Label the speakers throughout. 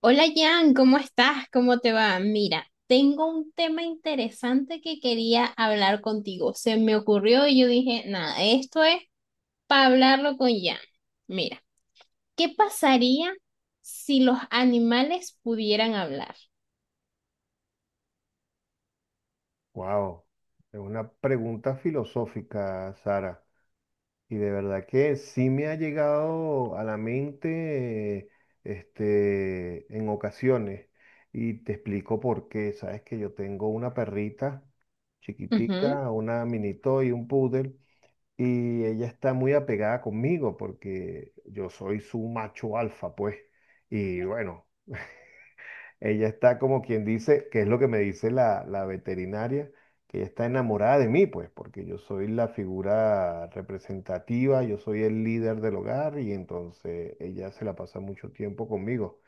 Speaker 1: Hola Jan, ¿cómo estás? ¿Cómo te va? Mira, tengo un tema interesante que quería hablar contigo. Se me ocurrió y yo dije, nada, esto es para hablarlo con Jan. Mira, ¿qué pasaría si los animales pudieran hablar?
Speaker 2: Wow, es una pregunta filosófica, Sara. Y de verdad que sí me ha llegado a la mente, en ocasiones. Y te explico por qué. Sabes que yo tengo una perrita
Speaker 1: Ujú.
Speaker 2: chiquitica, una mini y un poodle, y ella está muy apegada conmigo porque yo soy su macho alfa, pues. Y bueno, ella está como quien dice, que es lo que me dice la veterinaria, que ella está enamorada de mí, pues, porque yo soy la figura representativa, yo soy el líder del hogar y entonces ella se la pasa mucho tiempo conmigo.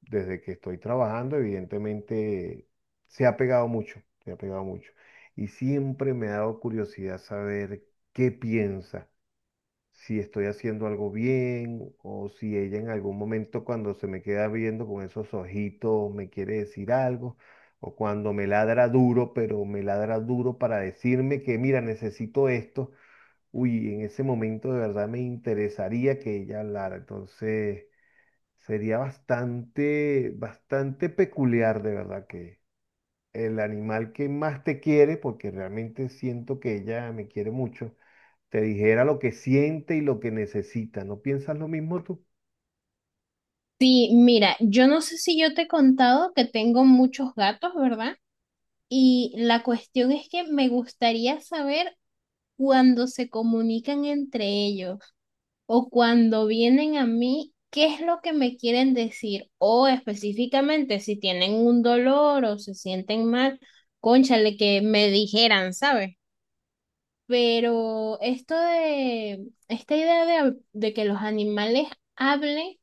Speaker 2: Desde que estoy trabajando, evidentemente, se ha pegado mucho, se ha pegado mucho. Y siempre me ha dado curiosidad saber qué piensa, si estoy haciendo algo bien o si ella en algún momento cuando se me queda viendo con esos ojitos me quiere decir algo, o cuando me ladra duro, pero me ladra duro para decirme que mira, necesito esto. Uy, en ese momento de verdad me interesaría que ella hablara. Entonces sería bastante, bastante peculiar de verdad que el animal que más te quiere, porque realmente siento que ella me quiere mucho, te dijera lo que siente y lo que necesita. ¿No piensas lo mismo tú?
Speaker 1: Sí, mira, yo no sé si yo te he contado que tengo muchos gatos, ¿verdad? Y la cuestión es que me gustaría saber cuando se comunican entre ellos. O cuando vienen a mí, ¿qué es lo que me quieren decir? O específicamente, si tienen un dolor o se sienten mal, cónchale, que me dijeran, ¿sabes? Pero esto esta idea de que los animales hablen,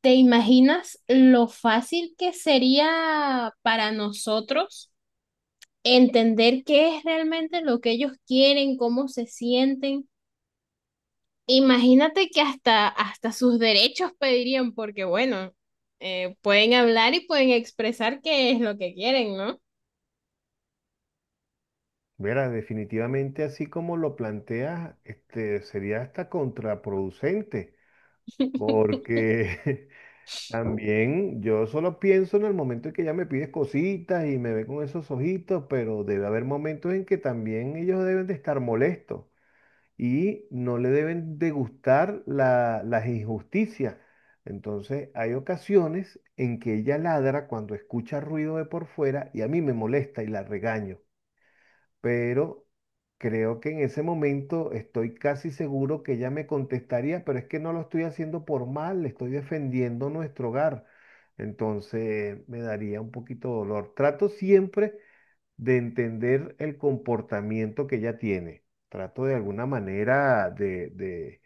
Speaker 1: ¿te imaginas lo fácil que sería para nosotros entender qué es realmente lo que ellos quieren, cómo se sienten? Imagínate que hasta, hasta sus derechos pedirían, porque bueno, pueden hablar y pueden expresar qué es lo que quieren, ¿no?
Speaker 2: Mira, definitivamente así como lo planteas, sería hasta contraproducente, porque también yo solo pienso en el momento en que ella me pide cositas y me ve con esos ojitos, pero debe haber momentos en que también ellos deben de estar molestos, y no le deben de gustar las injusticias. Entonces, hay ocasiones en que ella ladra cuando escucha ruido de por fuera y a mí me molesta y la regaño, pero creo que en ese momento estoy casi seguro que ella me contestaría, pero es que no lo estoy haciendo por mal, le estoy defendiendo nuestro hogar. Entonces, me daría un poquito de dolor. Trato siempre de entender el comportamiento que ella tiene. Trato de alguna manera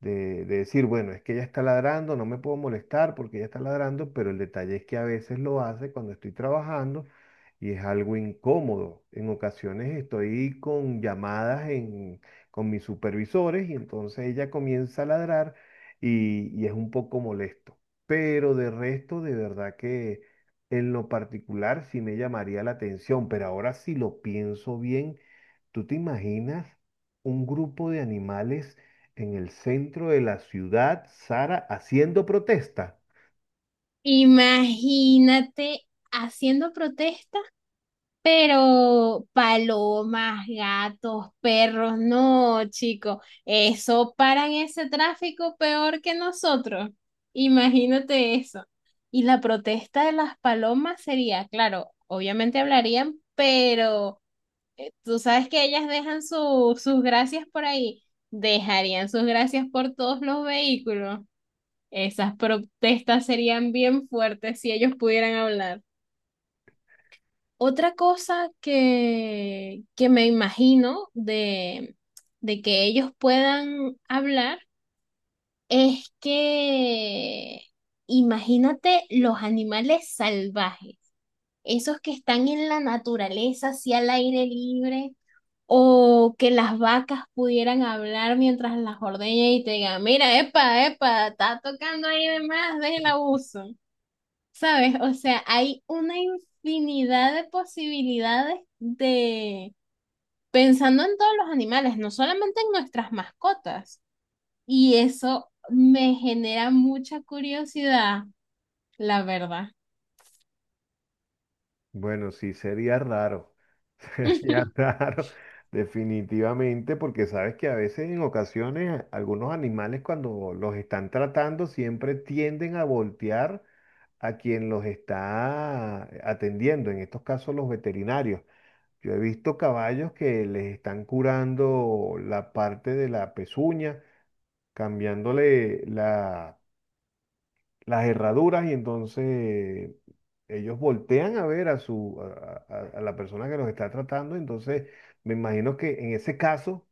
Speaker 2: de decir, bueno, es que ella está ladrando, no me puedo molestar porque ella está ladrando, pero el detalle es que a veces lo hace cuando estoy trabajando y es algo incómodo. En ocasiones estoy con llamadas con mis supervisores y entonces ella comienza a ladrar y es un poco molesto. Pero de resto, de verdad que en lo particular sí me llamaría la atención, pero ahora si lo pienso bien, ¿tú te imaginas un grupo de animales en el centro de la ciudad, Sara, haciendo protesta?
Speaker 1: Imagínate haciendo protesta, pero palomas, gatos, perros, no, chico, eso paran ese tráfico peor que nosotros. Imagínate eso. Y la protesta de las palomas sería, claro, obviamente hablarían, pero tú sabes que ellas dejan sus gracias por ahí, dejarían sus gracias por todos los vehículos. Esas protestas serían bien fuertes si ellos pudieran hablar. Otra cosa que me imagino de que ellos puedan hablar es que imagínate los animales salvajes, esos que están en la naturaleza, así al aire libre. O que las vacas pudieran hablar mientras las ordeña y te digan, mira, epa, epa, está tocando ahí de más, deja el abuso. ¿Sabes? O sea, hay una infinidad de posibilidades de pensando en todos los animales, no solamente en nuestras mascotas. Y eso me genera mucha curiosidad, la verdad.
Speaker 2: Bueno, sí, sería raro. Sería raro, definitivamente, porque sabes que a veces en ocasiones algunos animales cuando los están tratando siempre tienden a voltear a quien los está atendiendo, en estos casos los veterinarios. Yo he visto caballos que les están curando la parte de la pezuña, cambiándole la las herraduras, y entonces ellos voltean a ver a su a la persona que los está tratando. Entonces me imagino que en ese caso,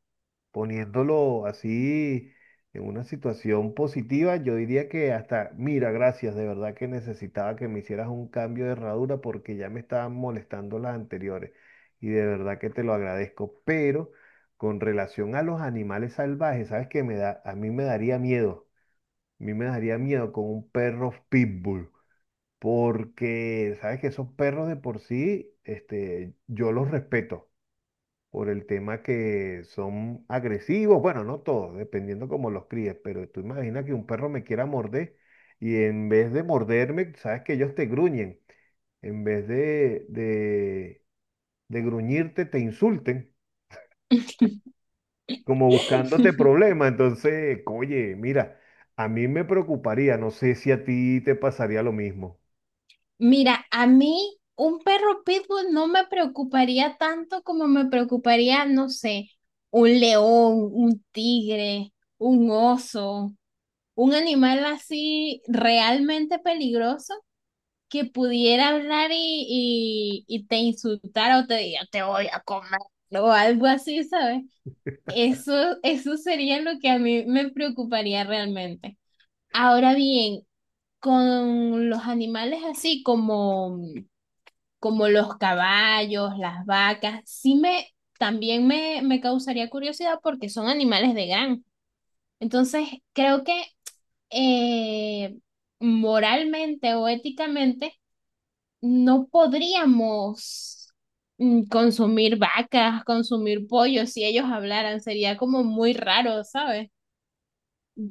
Speaker 2: poniéndolo así en una situación positiva, yo diría que hasta, mira, gracias, de verdad que necesitaba que me hicieras un cambio de herradura porque ya me estaban molestando las anteriores y de verdad que te lo agradezco. Pero con relación a los animales salvajes, ¿sabes qué me da? A mí me daría miedo. A mí me daría miedo con un perro pitbull, porque sabes que esos perros de por sí, yo los respeto por el tema que son agresivos, bueno, no todos, dependiendo cómo los críes, pero tú imaginas que un perro me quiera morder y en vez de morderme, sabes que ellos te gruñen, en vez de gruñirte, te insulten, como buscándote problemas. Entonces, oye, mira, a mí me preocuparía, no sé si a ti te pasaría lo mismo.
Speaker 1: Mira, a mí un perro pitbull no me preocuparía tanto como me preocuparía, no sé, un león, un tigre, un oso, un animal así realmente peligroso que pudiera hablar y te insultara o te diga, te voy a comer o algo así, ¿sabes? Eso, eso sería lo que a mí me preocuparía realmente. Ahora bien, con los animales así como los caballos, las vacas, también me causaría curiosidad porque son animales de granja. Entonces, creo que eh, moralmente o éticamente no podríamos consumir vacas, consumir pollos, si ellos hablaran, sería como muy raro, ¿sabes?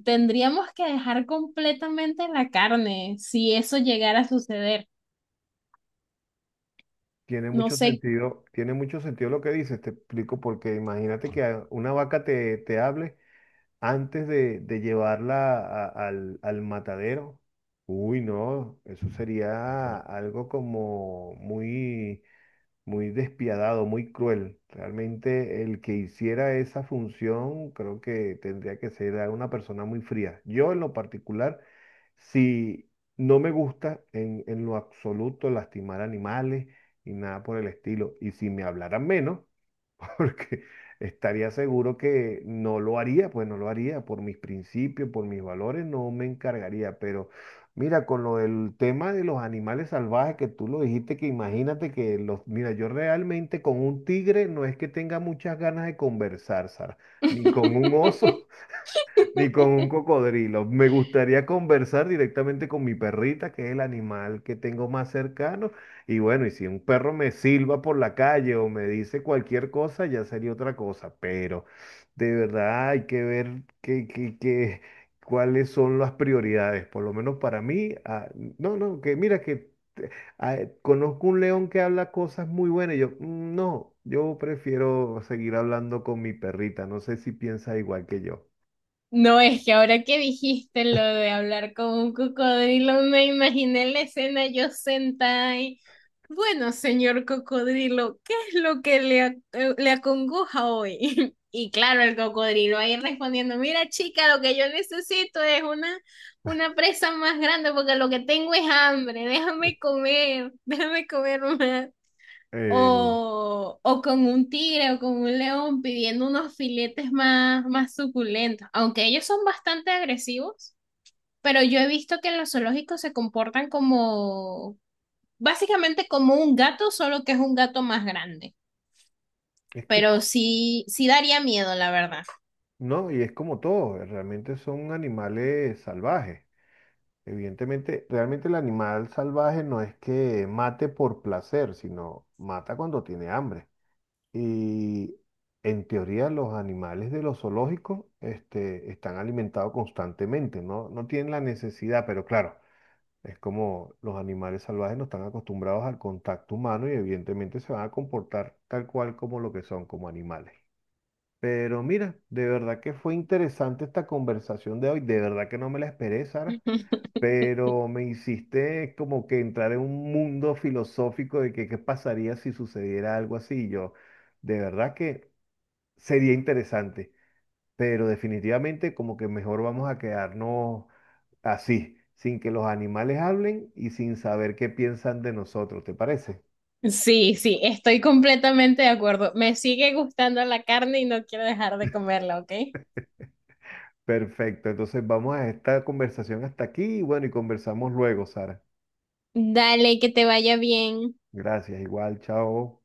Speaker 1: Tendríamos que dejar completamente la carne si eso llegara a suceder. No sé.
Speaker 2: Tiene mucho sentido lo que dices, te explico, porque imagínate que una vaca te hable antes de llevarla al matadero. Uy, no, eso sería algo como muy, muy despiadado, muy cruel. Realmente el que hiciera esa función creo que tendría que ser a una persona muy fría. Yo en lo particular, si no me gusta en lo absoluto lastimar animales y nada por el estilo, y si me hablaran menos, porque estaría seguro que no lo haría, pues no lo haría, por mis principios, por mis valores, no me encargaría. Pero mira, con lo del tema de los animales salvajes que tú lo dijiste, que imagínate que los, mira, yo realmente con un tigre no es que tenga muchas ganas de conversar, Sara, ni con un oso ni con un cocodrilo. Me gustaría conversar directamente con mi perrita, que es el animal que tengo más cercano. Y bueno, y si un perro me silba por la calle o me dice cualquier cosa, ya sería otra cosa. Pero de verdad hay que ver cuáles son las prioridades. Por lo menos para mí, ah, no, no, que mira ah, conozco un león que habla cosas muy buenas. Y yo, "Mm, no, yo prefiero seguir hablando con mi perrita". No sé si piensa igual que yo.
Speaker 1: No, es que ahora que dijiste lo de hablar con un cocodrilo, me imaginé la escena yo sentada ahí. Bueno, señor cocodrilo, ¿qué es lo que le, le acongoja hoy? Y claro, el cocodrilo ahí respondiendo, mira chica, lo que yo necesito es una presa más grande porque lo que tengo es hambre, déjame comer, déjame comer más
Speaker 2: Eh,
Speaker 1: o con un tigre o con un león pidiendo unos filetes más, más suculentos, aunque ellos son bastante agresivos, pero yo he visto que en los zoológicos se comportan como, básicamente como un gato, solo que es un gato más grande.
Speaker 2: es que, es
Speaker 1: Pero
Speaker 2: co-
Speaker 1: sí, sí daría miedo, la verdad.
Speaker 2: no, y es como todo, realmente son animales salvajes. Evidentemente, realmente el animal salvaje no es que mate por placer, sino mata cuando tiene hambre. Y en teoría los animales de los zoológicos, están alimentados constantemente, ¿no? No tienen la necesidad, pero claro, es como los animales salvajes no están acostumbrados al contacto humano y evidentemente se van a comportar tal cual como lo que son, como animales. Pero mira, de verdad que fue interesante esta conversación de hoy. De verdad que no me la esperé, Sara. Pero me hiciste como que entrar en un mundo filosófico de que qué pasaría si sucediera algo así. Yo, de verdad que sería interesante. Pero definitivamente como que mejor vamos a quedarnos así, sin que los animales hablen y sin saber qué piensan de nosotros. ¿Te parece?
Speaker 1: Sí, sí, estoy completamente de acuerdo. Me sigue gustando la carne y no quiero dejar de comerla, ¿ok?
Speaker 2: Perfecto. Entonces vamos a esta conversación hasta aquí y bueno, y conversamos luego, Sara.
Speaker 1: Dale, que te vaya bien.
Speaker 2: Gracias, igual, chao.